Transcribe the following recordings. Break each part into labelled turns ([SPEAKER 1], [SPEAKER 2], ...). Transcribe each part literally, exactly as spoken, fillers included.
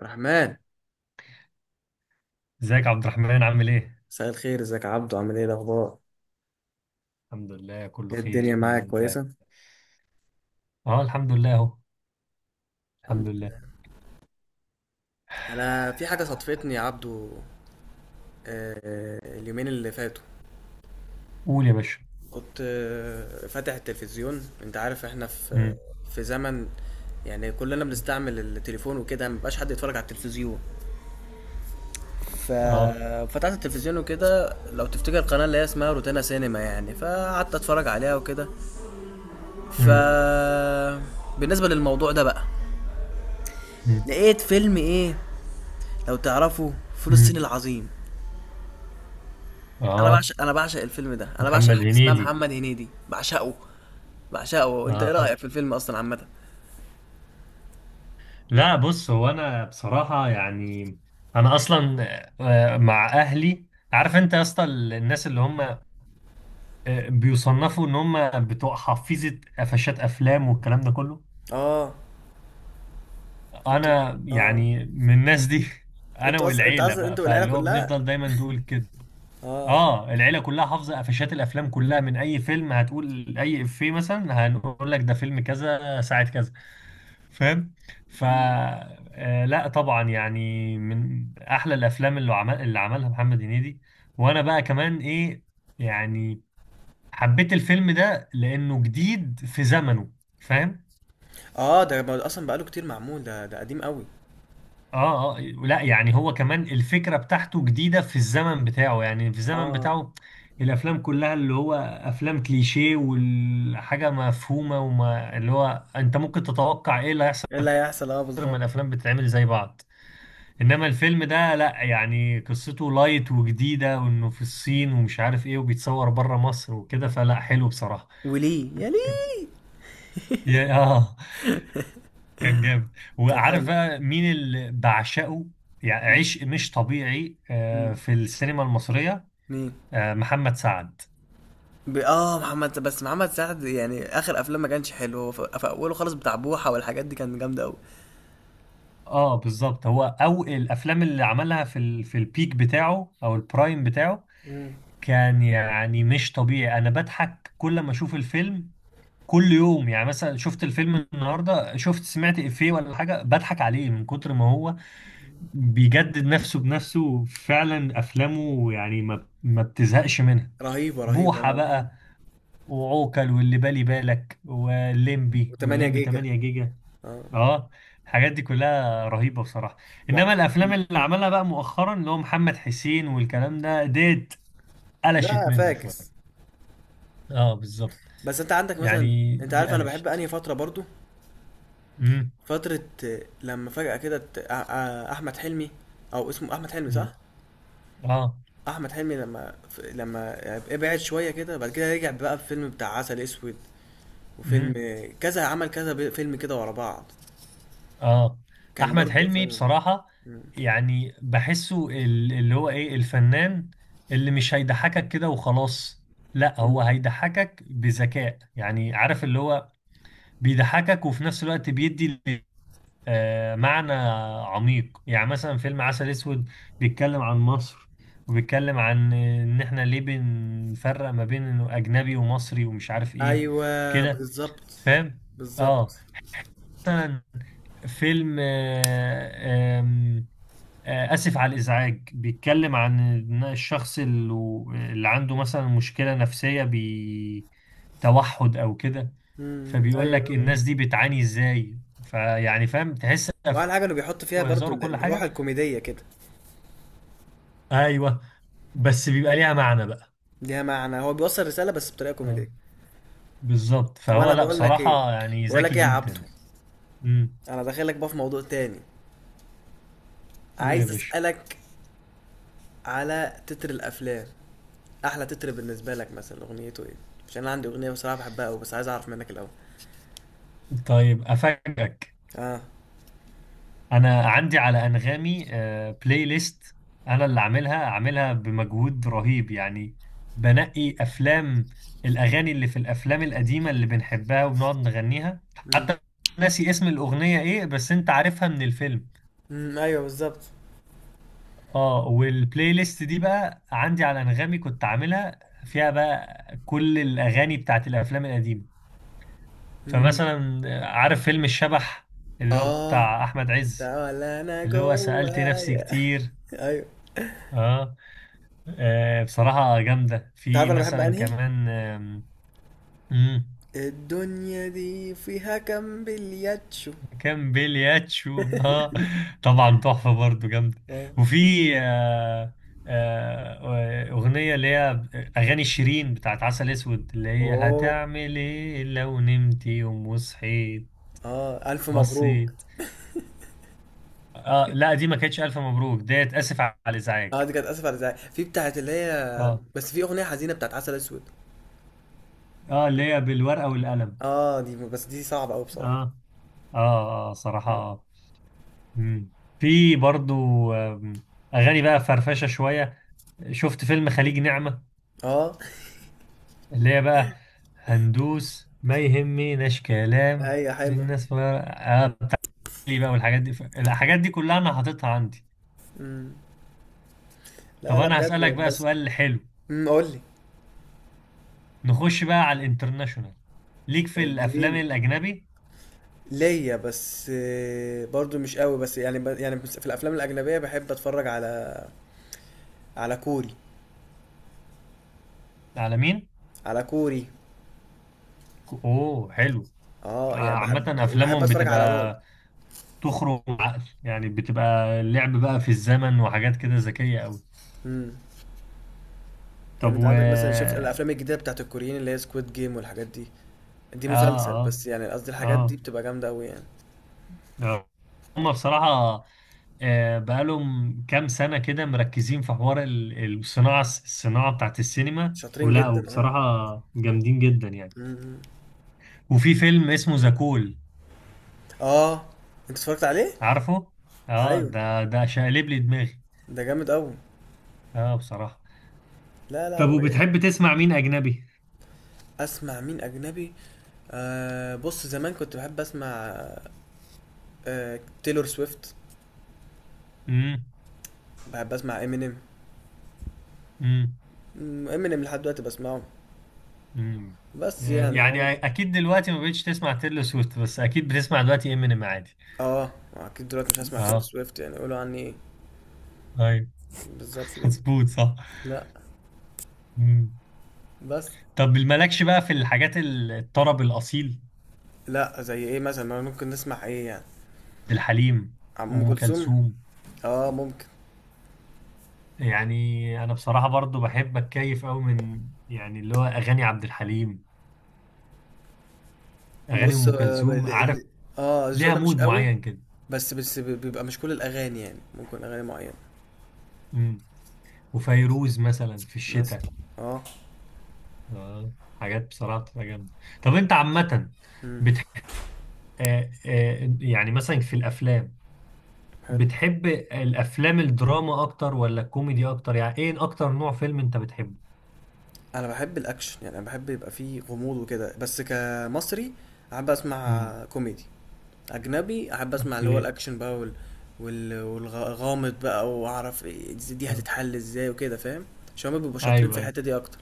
[SPEAKER 1] رحمن،
[SPEAKER 2] ازيك يا عبد الرحمن عامل ايه؟
[SPEAKER 1] مساء الخير. ازيك يا عبدو، عامل ايه الاخبار؟
[SPEAKER 2] الحمد لله، كله
[SPEAKER 1] ايه
[SPEAKER 2] خير.
[SPEAKER 1] الدنيا،
[SPEAKER 2] الحمد
[SPEAKER 1] معاك
[SPEAKER 2] لله.
[SPEAKER 1] كويسه؟
[SPEAKER 2] اه، الحمد لله اهو. الحمد
[SPEAKER 1] الحمد
[SPEAKER 2] لله.
[SPEAKER 1] لله. انا في حاجه صدفتني يا عبدو. آه، اليومين اللي فاتوا
[SPEAKER 2] قول يا باشا.
[SPEAKER 1] كنت آه، فاتح التلفزيون. انت عارف احنا في
[SPEAKER 2] مم.
[SPEAKER 1] في زمن، يعني كلنا بنستعمل التليفون وكده، مبقاش حد يتفرج على التلفزيون.
[SPEAKER 2] اه.
[SPEAKER 1] ففتحت التلفزيون وكده، لو تفتكر، القناه اللي هي اسمها روتانا سينما، يعني فقعدت اتفرج عليها وكده. ف
[SPEAKER 2] مم.
[SPEAKER 1] بالنسبه للموضوع ده بقى،
[SPEAKER 2] مم.
[SPEAKER 1] لقيت فيلم ايه، لو تعرفوا، فول الصين
[SPEAKER 2] مم.
[SPEAKER 1] العظيم. انا
[SPEAKER 2] اه،
[SPEAKER 1] بعشق انا بعشق الفيلم ده، انا بعشق
[SPEAKER 2] محمد
[SPEAKER 1] حاجه اسمها
[SPEAKER 2] هنيدي.
[SPEAKER 1] محمد هنيدي، بعشقه. بعشقه انت ايه
[SPEAKER 2] اه،
[SPEAKER 1] رايك في الفيلم اصلا عامه؟
[SPEAKER 2] لا بص، هو انا بصراحة يعني انا اصلا آه، مع اهلي. عارف انت يا اسطى ال- الناس اللي هم آه، بيصنفوا ان هم بتوع حفيظة قفشات افلام والكلام ده كله.
[SPEAKER 1] اه. انتوا
[SPEAKER 2] انا
[SPEAKER 1] اه،
[SPEAKER 2] يعني من الناس دي انا
[SPEAKER 1] انتوا اصلا انت
[SPEAKER 2] والعيله
[SPEAKER 1] اصلا
[SPEAKER 2] بقى،
[SPEAKER 1] انتوا والعيله
[SPEAKER 2] فاللي هو
[SPEAKER 1] كلها.
[SPEAKER 2] بنفضل دايما نقول كده.
[SPEAKER 1] اه.
[SPEAKER 2] اه، العيله كلها حافظه قفشات الافلام كلها. من اي فيلم هتقول اي افيه مثلا هنقول لك ده فيلم كذا ساعه كذا. فاهم. ف آه لا طبعا، يعني من احلى الافلام اللي عمل اللي عملها محمد هنيدي. وانا بقى كمان ايه، يعني حبيت الفيلم ده لانه جديد في زمنه. فاهم.
[SPEAKER 1] اه، ده ما- اصلا بقاله كتير معمول، ده ده قديم قوي.
[SPEAKER 2] اه، اه، لا يعني هو كمان الفكرة بتاعته جديدة في الزمن بتاعه، يعني في الزمن
[SPEAKER 1] اه،
[SPEAKER 2] بتاعه الافلام كلها اللي هو افلام كليشيه والحاجة مفهومة، وما اللي هو انت ممكن تتوقع ايه اللي هيحصل
[SPEAKER 1] ايه اللي هيحصل، اه
[SPEAKER 2] لما
[SPEAKER 1] بالظبط.
[SPEAKER 2] الافلام بتتعمل زي بعض. انما الفيلم ده لا، يعني قصته لايت وجديدة، وانه في الصين ومش عارف ايه، وبيتصور بره مصر وكده، فلا حلو بصراحة.
[SPEAKER 1] وليه يا ليه.
[SPEAKER 2] يا- اه، كان جامد.
[SPEAKER 1] كان
[SPEAKER 2] وعارف
[SPEAKER 1] حلو.
[SPEAKER 2] بقى مين اللي بعشقه؟ يعني
[SPEAKER 1] م-
[SPEAKER 2] عشق مش طبيعي
[SPEAKER 1] م.
[SPEAKER 2] آه، في السينما المصرية.
[SPEAKER 1] مين؟
[SPEAKER 2] آه، محمد سعد.
[SPEAKER 1] ب... اه، محمد، بس محمد سعد يعني اخر افلام ما كانش حلو. هو في في اوله خالص بتاع بوحه، والحاجات دي كانت جامده قوي.
[SPEAKER 2] اه بالظبط، هو او الافلام اللي عملها في ال... في البيك بتاعه او البرايم بتاعه كان يعني مش طبيعي. انا بضحك كل ما اشوف الفيلم. كل يوم، يعني مثلا شفت الفيلم النهارده، شفت سمعت افيه ولا حاجه بضحك عليه من كتر ما هو بيجدد نفسه بنفسه. فعلا افلامه يعني ما ما بتزهقش منها.
[SPEAKER 1] رهيبة رهيبة،
[SPEAKER 2] بوحة
[SPEAKER 1] لا رهيبة.
[SPEAKER 2] بقى وعوكل واللي بالي بالك والليمبي
[SPEAKER 1] و8
[SPEAKER 2] والليمبي
[SPEAKER 1] جيجا.
[SPEAKER 2] تمانية جيجا.
[SPEAKER 1] اه.
[SPEAKER 2] اه، الحاجات دي كلها رهيبة بصراحة. انما
[SPEAKER 1] وع
[SPEAKER 2] الافلام
[SPEAKER 1] مم.
[SPEAKER 2] اللي عملها بقى مؤخرا اللي هو محمد حسين والكلام ده ديت قلشت
[SPEAKER 1] لا
[SPEAKER 2] مني
[SPEAKER 1] فاكس.
[SPEAKER 2] شوية. اه بالظبط،
[SPEAKER 1] بس انت عندك مثلا،
[SPEAKER 2] يعني
[SPEAKER 1] انت
[SPEAKER 2] دي
[SPEAKER 1] عارف انا بحب
[SPEAKER 2] قلشت.
[SPEAKER 1] انهي فترة برضو؟
[SPEAKER 2] امم.
[SPEAKER 1] فترة آه، لما فجأة كده ت- آه، آه، احمد حلمي، او اسمه احمد حلمي صح؟
[SPEAKER 2] امم. اه.
[SPEAKER 1] احمد حلمي لما ف- لما ابعد شوية كده، بعد كده رجع بقى بفيلم بتاع عسل اسود، وفيلم
[SPEAKER 2] امم.
[SPEAKER 1] آه، كذا، عمل كذا ب- فيلم كده ورا بعض،
[SPEAKER 2] اه.
[SPEAKER 1] كان
[SPEAKER 2] احمد
[SPEAKER 1] برضو
[SPEAKER 2] حلمي
[SPEAKER 1] كان-
[SPEAKER 2] بصراحة يعني بحسه ال- اللي هو ايه، الفنان اللي مش هيضحكك كده وخلاص. لا
[SPEAKER 1] مم.
[SPEAKER 2] هو هيضحكك بذكاء، يعني عارف اللي هو بيضحكك وفي نفس الوقت بيدي آه، معنى عميق. يعني مثلا فيلم عسل اسود بيتكلم عن مصر، وبيتكلم عن ان احنا ليه بنفرق ما بين انه اجنبي ومصري ومش عارف ايه
[SPEAKER 1] ايوه
[SPEAKER 2] كده.
[SPEAKER 1] بالظبط.
[SPEAKER 2] فاهم.
[SPEAKER 1] بالظبط.
[SPEAKER 2] اه. مثلا فيلم آه، آم، آه، آسف على الإزعاج بيتكلم عن إن الشخص اللي اللي عنده مثلا مشكلة نفسية بتوحد أو كده،
[SPEAKER 1] مم.
[SPEAKER 2] فبيقول
[SPEAKER 1] ايوه.
[SPEAKER 2] لك الناس دي بتعاني إزاي. فيعني فاهم، تحس أفلام
[SPEAKER 1] واحلى حاجه انه بيحط فيها برضو
[SPEAKER 2] وهزار
[SPEAKER 1] ال-
[SPEAKER 2] وكل
[SPEAKER 1] الروح
[SPEAKER 2] حاجة.
[SPEAKER 1] الكوميديه كده.
[SPEAKER 2] أيوه، بس بيبقى ليها معنى بقى.
[SPEAKER 1] ليها معنى، هو بيوصل رساله بس بطريقه
[SPEAKER 2] اه
[SPEAKER 1] كوميديه.
[SPEAKER 2] بالظبط،
[SPEAKER 1] طب
[SPEAKER 2] فهو
[SPEAKER 1] انا
[SPEAKER 2] لا
[SPEAKER 1] بقول لك ايه،
[SPEAKER 2] بصراحة يعني
[SPEAKER 1] بقول
[SPEAKER 2] ذكي
[SPEAKER 1] لك ايه يا عبدو،
[SPEAKER 2] جدا. امم.
[SPEAKER 1] انا داخلك بقى في موضوع تاني،
[SPEAKER 2] قول يا
[SPEAKER 1] عايز
[SPEAKER 2] باشا.
[SPEAKER 1] اسالك على تتر الافلام. احلى تتر بالنسبه لك مثلا اغنيته ايه؟ عشان انا عندي اغنيه بصراحه بحبها قوي، بس عايز اعرف منك الاول.
[SPEAKER 2] طيب أفاجئك.
[SPEAKER 1] اه.
[SPEAKER 2] انا عندي على انغامي آه، بلاي ليست، انا اللي عاملها عاملها بمجهود رهيب يعني. بنقي افلام. الاغاني اللي في الافلام القديمه اللي بنحبها وبنقعد نغنيها،
[SPEAKER 1] امم.
[SPEAKER 2] حتى ناسي اسم الاغنيه ايه بس انت عارفها من الفيلم.
[SPEAKER 1] أمم، ايوه بالظبط.
[SPEAKER 2] اه، والبلاي ليست دي بقى عندي على انغامي، كنت عاملها فيها بقى كل الاغاني بتاعت الافلام القديمه.
[SPEAKER 1] أمم.
[SPEAKER 2] فمثلا آه، عارف فيلم الشبح اللي هو
[SPEAKER 1] اه،
[SPEAKER 2] بتاع احمد عز،
[SPEAKER 1] ده ولا انا
[SPEAKER 2] اللي هو سألت نفسي
[SPEAKER 1] جوايا.
[SPEAKER 2] كتير.
[SPEAKER 1] ايوه.
[SPEAKER 2] اه. آه، بصراحة جامدة. في
[SPEAKER 1] تعرف انا بحب
[SPEAKER 2] مثلا
[SPEAKER 1] انهي
[SPEAKER 2] كمان آم، مم،
[SPEAKER 1] الدنيا دي فيها كام بلياتشو.
[SPEAKER 2] كان بلياتشو ها، طبعا تحفة برضو جامدة.
[SPEAKER 1] اه.
[SPEAKER 2] وفي آه، آه، أغنية اللي هي أغاني شيرين بتاعت عسل أسود، اللي هي
[SPEAKER 1] اوه،
[SPEAKER 2] هتعمل إيه لو نمت يوم وصحيت.
[SPEAKER 1] اه، الف مبروك.
[SPEAKER 2] بصيت، آه لا، دي ما كانتش ألف مبروك، ديت آسف على الإزعاج.
[SPEAKER 1] اه، دي كانت اسف على الازعاج، في بتاعت اللي هي،
[SPEAKER 2] اه،
[SPEAKER 1] بس في اغنيه حزينه بتاعت عسل اسود.
[SPEAKER 2] اه، اللي هي بالورقة والقلم.
[SPEAKER 1] اه، دي، بس دي صعبه قوي بصراحه.
[SPEAKER 2] اه، اه، اه صراحة. مم. في برضو آم، اغاني بقى فرفشه شويه. شفت فيلم خليج نعمه
[SPEAKER 1] اه.
[SPEAKER 2] اللي هي بقى هندوس ما يهمناش كلام
[SPEAKER 1] هي حلوه.
[SPEAKER 2] الناس بقى بقى والحاجات دي ف- الحاجات دي كلها انا حاططها عندي.
[SPEAKER 1] مم. لا
[SPEAKER 2] طب
[SPEAKER 1] لا،
[SPEAKER 2] انا هسألك
[SPEAKER 1] بجد.
[SPEAKER 2] بقى
[SPEAKER 1] بس.
[SPEAKER 2] سؤال حلو.
[SPEAKER 1] امم قول لي.
[SPEAKER 2] نخش بقى على الانترناشونال. ليك في الافلام
[SPEAKER 1] اديني.
[SPEAKER 2] الاجنبي؟
[SPEAKER 1] ليا بس آه، برضو مش قوي، بس يعني ب... يعني بس في الافلام الاجنبيه بحب اتفرج على على كوري
[SPEAKER 2] عالمين.
[SPEAKER 1] على كوري.
[SPEAKER 2] ك- اوه، حلو. آه،
[SPEAKER 1] اه، يعني
[SPEAKER 2] عامة
[SPEAKER 1] بحب، وبحب
[SPEAKER 2] أفلامهم
[SPEAKER 1] اتفرج على رعب.
[SPEAKER 2] بتبقى تخرج عقل، يعني بتبقى لعب بقى في الزمن وحاجات كده ذكية أوي.
[SPEAKER 1] امم يعني
[SPEAKER 2] طب
[SPEAKER 1] انت
[SPEAKER 2] و
[SPEAKER 1] عندك مثلا، شفت
[SPEAKER 2] اه
[SPEAKER 1] الافلام الجديده بتاعت الكوريين، اللي هي سكويد جيم والحاجات دي؟ دي مسلسل،
[SPEAKER 2] اه.
[SPEAKER 1] بس يعني قصدي الحاجات دي
[SPEAKER 2] اه.
[SPEAKER 1] بتبقى جامده قوي يعني.
[SPEAKER 2] آه. هم بصراحة آه، بقالهم كام سنة كده مركزين في حوار ال- الصناعة، الصناعة بتاعت السينما
[SPEAKER 1] شاطرين
[SPEAKER 2] ولا؟
[SPEAKER 1] جدا، اه.
[SPEAKER 2] وبصراحة جامدين جدا يعني.
[SPEAKER 1] م-م.
[SPEAKER 2] وفي فيلم اسمه زاكول،
[SPEAKER 1] اه، انت اتفرجت عليه؟
[SPEAKER 2] عارفه؟ اه،
[SPEAKER 1] ايوه،
[SPEAKER 2] ده ده شقلب لي دماغي.
[SPEAKER 1] ده جامد قوي.
[SPEAKER 2] اه بصراحة.
[SPEAKER 1] لا لا،
[SPEAKER 2] طب
[SPEAKER 1] ب-
[SPEAKER 2] وبتحب تسمع مين أجنبي؟
[SPEAKER 1] اسمع مين اجنبي. آه، بص، زمان كنت بحب اسمع آه تيلور سويفت،
[SPEAKER 2] امم.
[SPEAKER 1] بحب اسمع امينيم،
[SPEAKER 2] امم.
[SPEAKER 1] امينيم لحد دلوقتي بسمعه.
[SPEAKER 2] امم.
[SPEAKER 1] بس يعني هو،
[SPEAKER 2] يعني أكيد دلوقتي ما بقتش تسمع تيلو سويفت، بس أكيد بتسمع دلوقتي امينيم عادي.
[SPEAKER 1] اه اكيد دلوقتي مش هسمع تيلور
[SPEAKER 2] اه.
[SPEAKER 1] سويفت، يعني يقولوا عني ايه.
[SPEAKER 2] ايوه.
[SPEAKER 1] بالظبط كده.
[SPEAKER 2] مظبوط، صح.
[SPEAKER 1] لا.
[SPEAKER 2] مم.
[SPEAKER 1] بس.
[SPEAKER 2] طب مالكش بقى في الحاجات ال- الطرب الأصيل؟
[SPEAKER 1] لا، زي ايه مثلا؟ ما ممكن نسمع ايه يعني؟
[SPEAKER 2] الحليم.
[SPEAKER 1] عم ام
[SPEAKER 2] أم
[SPEAKER 1] كلثوم؟
[SPEAKER 2] كلثوم.
[SPEAKER 1] اه ممكن.
[SPEAKER 2] يعني أنا بصراحة برضو بحب أتكيف أوي من، يعني اللي هو أغاني عبد الحليم، أغاني
[SPEAKER 1] بص،
[SPEAKER 2] أم
[SPEAKER 1] اه
[SPEAKER 2] كلثوم.
[SPEAKER 1] ال-
[SPEAKER 2] عارف،
[SPEAKER 1] ال- آه، الذوق
[SPEAKER 2] ليها
[SPEAKER 1] ده مش
[SPEAKER 2] مود
[SPEAKER 1] قوي،
[SPEAKER 2] معين كده.
[SPEAKER 1] بس بس ب- بيبقى مش كل الاغاني يعني، ممكن اغاني معينه.
[SPEAKER 2] مم. وفيروز مثلا في
[SPEAKER 1] مثلا.
[SPEAKER 2] الشتاء.
[SPEAKER 1] اه.
[SPEAKER 2] آه. حاجات بصراحة بتبقى جامدة. طب أنت عامة بتح... آه آه يعني مثلا في الأفلام،
[SPEAKER 1] حلو.
[SPEAKER 2] بتحب الأفلام الدراما أكتر ولا الكوميدي أكتر؟ يعني إيه أكتر نوع فيلم أنت بتحبه؟
[SPEAKER 1] انا بحب الاكشن، يعني انا بحب يبقى فيه غموض وكده، بس كمصري احب اسمع
[SPEAKER 2] مم.
[SPEAKER 1] كوميدي. اجنبي احب اسمع اللي هو
[SPEAKER 2] اوكي.
[SPEAKER 1] الاكشن بقى، وال وال- والغامض بقى، واعرف إيه دي، دي
[SPEAKER 2] آه.
[SPEAKER 1] هتتحل ازاي وكده فاهم. عشان هما بيبقوا شاطرين في
[SPEAKER 2] ايوه، ايوه.
[SPEAKER 1] الحته دي اكتر.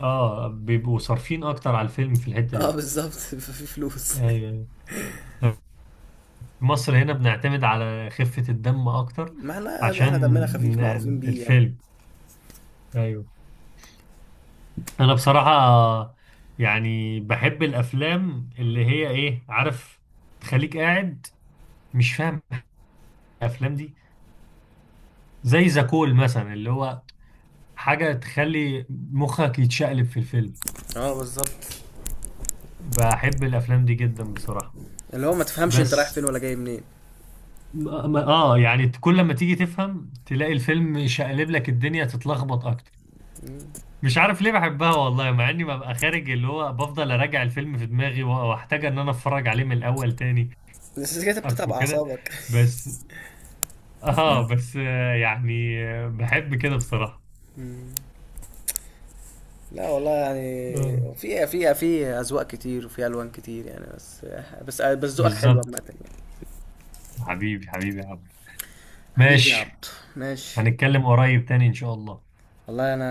[SPEAKER 2] اه، بيبقوا صارفين اكتر على الفيلم في الحتة
[SPEAKER 1] اه
[SPEAKER 2] دي.
[SPEAKER 1] بالظبط، في فلوس.
[SPEAKER 2] ايوه. أيوة. في مصر هنا بنعتمد على خفة الدم اكتر
[SPEAKER 1] ما احنا
[SPEAKER 2] عشان
[SPEAKER 1] احنا دمنا خفيف معروفين
[SPEAKER 2] ن-
[SPEAKER 1] بيه يعني.
[SPEAKER 2] الفيلم. ايوه. انا بصراحة يعني بحب الافلام اللي هي ايه، عارف، تخليك قاعد مش فاهم. الافلام دي زي زكول مثلا اللي هو حاجة تخلي مخك يتشقلب في الفيلم.
[SPEAKER 1] اه بالظبط،
[SPEAKER 2] بحب الافلام دي جدا بصراحة.
[SPEAKER 1] اللي هو ما تفهمش انت رايح فين
[SPEAKER 2] بس
[SPEAKER 1] ولا جاي منين.
[SPEAKER 2] ما- ما- اه، يعني كل ما تيجي تفهم تلاقي الفيلم شقلب لك الدنيا، تتلخبط اكتر. مش عارف ليه بحبها والله، مع اني ببقى خارج اللي هو بفضل اراجع الفيلم في دماغي و- واحتاج ان انا اتفرج عليه من الاول تاني.
[SPEAKER 1] بس كده
[SPEAKER 2] عارف
[SPEAKER 1] بتتعب
[SPEAKER 2] وكده.
[SPEAKER 1] اعصابك.
[SPEAKER 2] بس اه، بس آه يعني آه بحب كده بصراحة.
[SPEAKER 1] لا والله، يعني
[SPEAKER 2] آه.
[SPEAKER 1] في في في اذواق كتير، وفي الوان كتير يعني. بس بس بس ذوقك حلو عامه
[SPEAKER 2] بالظبط.
[SPEAKER 1] يعني.
[SPEAKER 2] حبيبي حبيبي يا عبد.
[SPEAKER 1] حبيبي يا
[SPEAKER 2] ماشي.
[SPEAKER 1] عبد. ماشي.
[SPEAKER 2] هنتكلم قريب تاني ان شاء الله.
[SPEAKER 1] والله انا،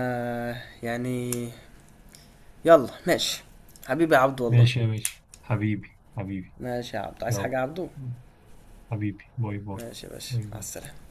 [SPEAKER 1] يعني، يلا ماشي. حبيبي يا عبد والله.
[SPEAKER 2] ماشي يا باشا، حبيبي حبيبي.
[SPEAKER 1] ماشي يا عبد، عايز حاجه
[SPEAKER 2] يلا،
[SPEAKER 1] يا عبدو؟
[SPEAKER 2] حبيبي باي باي.
[SPEAKER 1] ماشي يا باشا،
[SPEAKER 2] باي
[SPEAKER 1] مع
[SPEAKER 2] باي.
[SPEAKER 1] السلامه.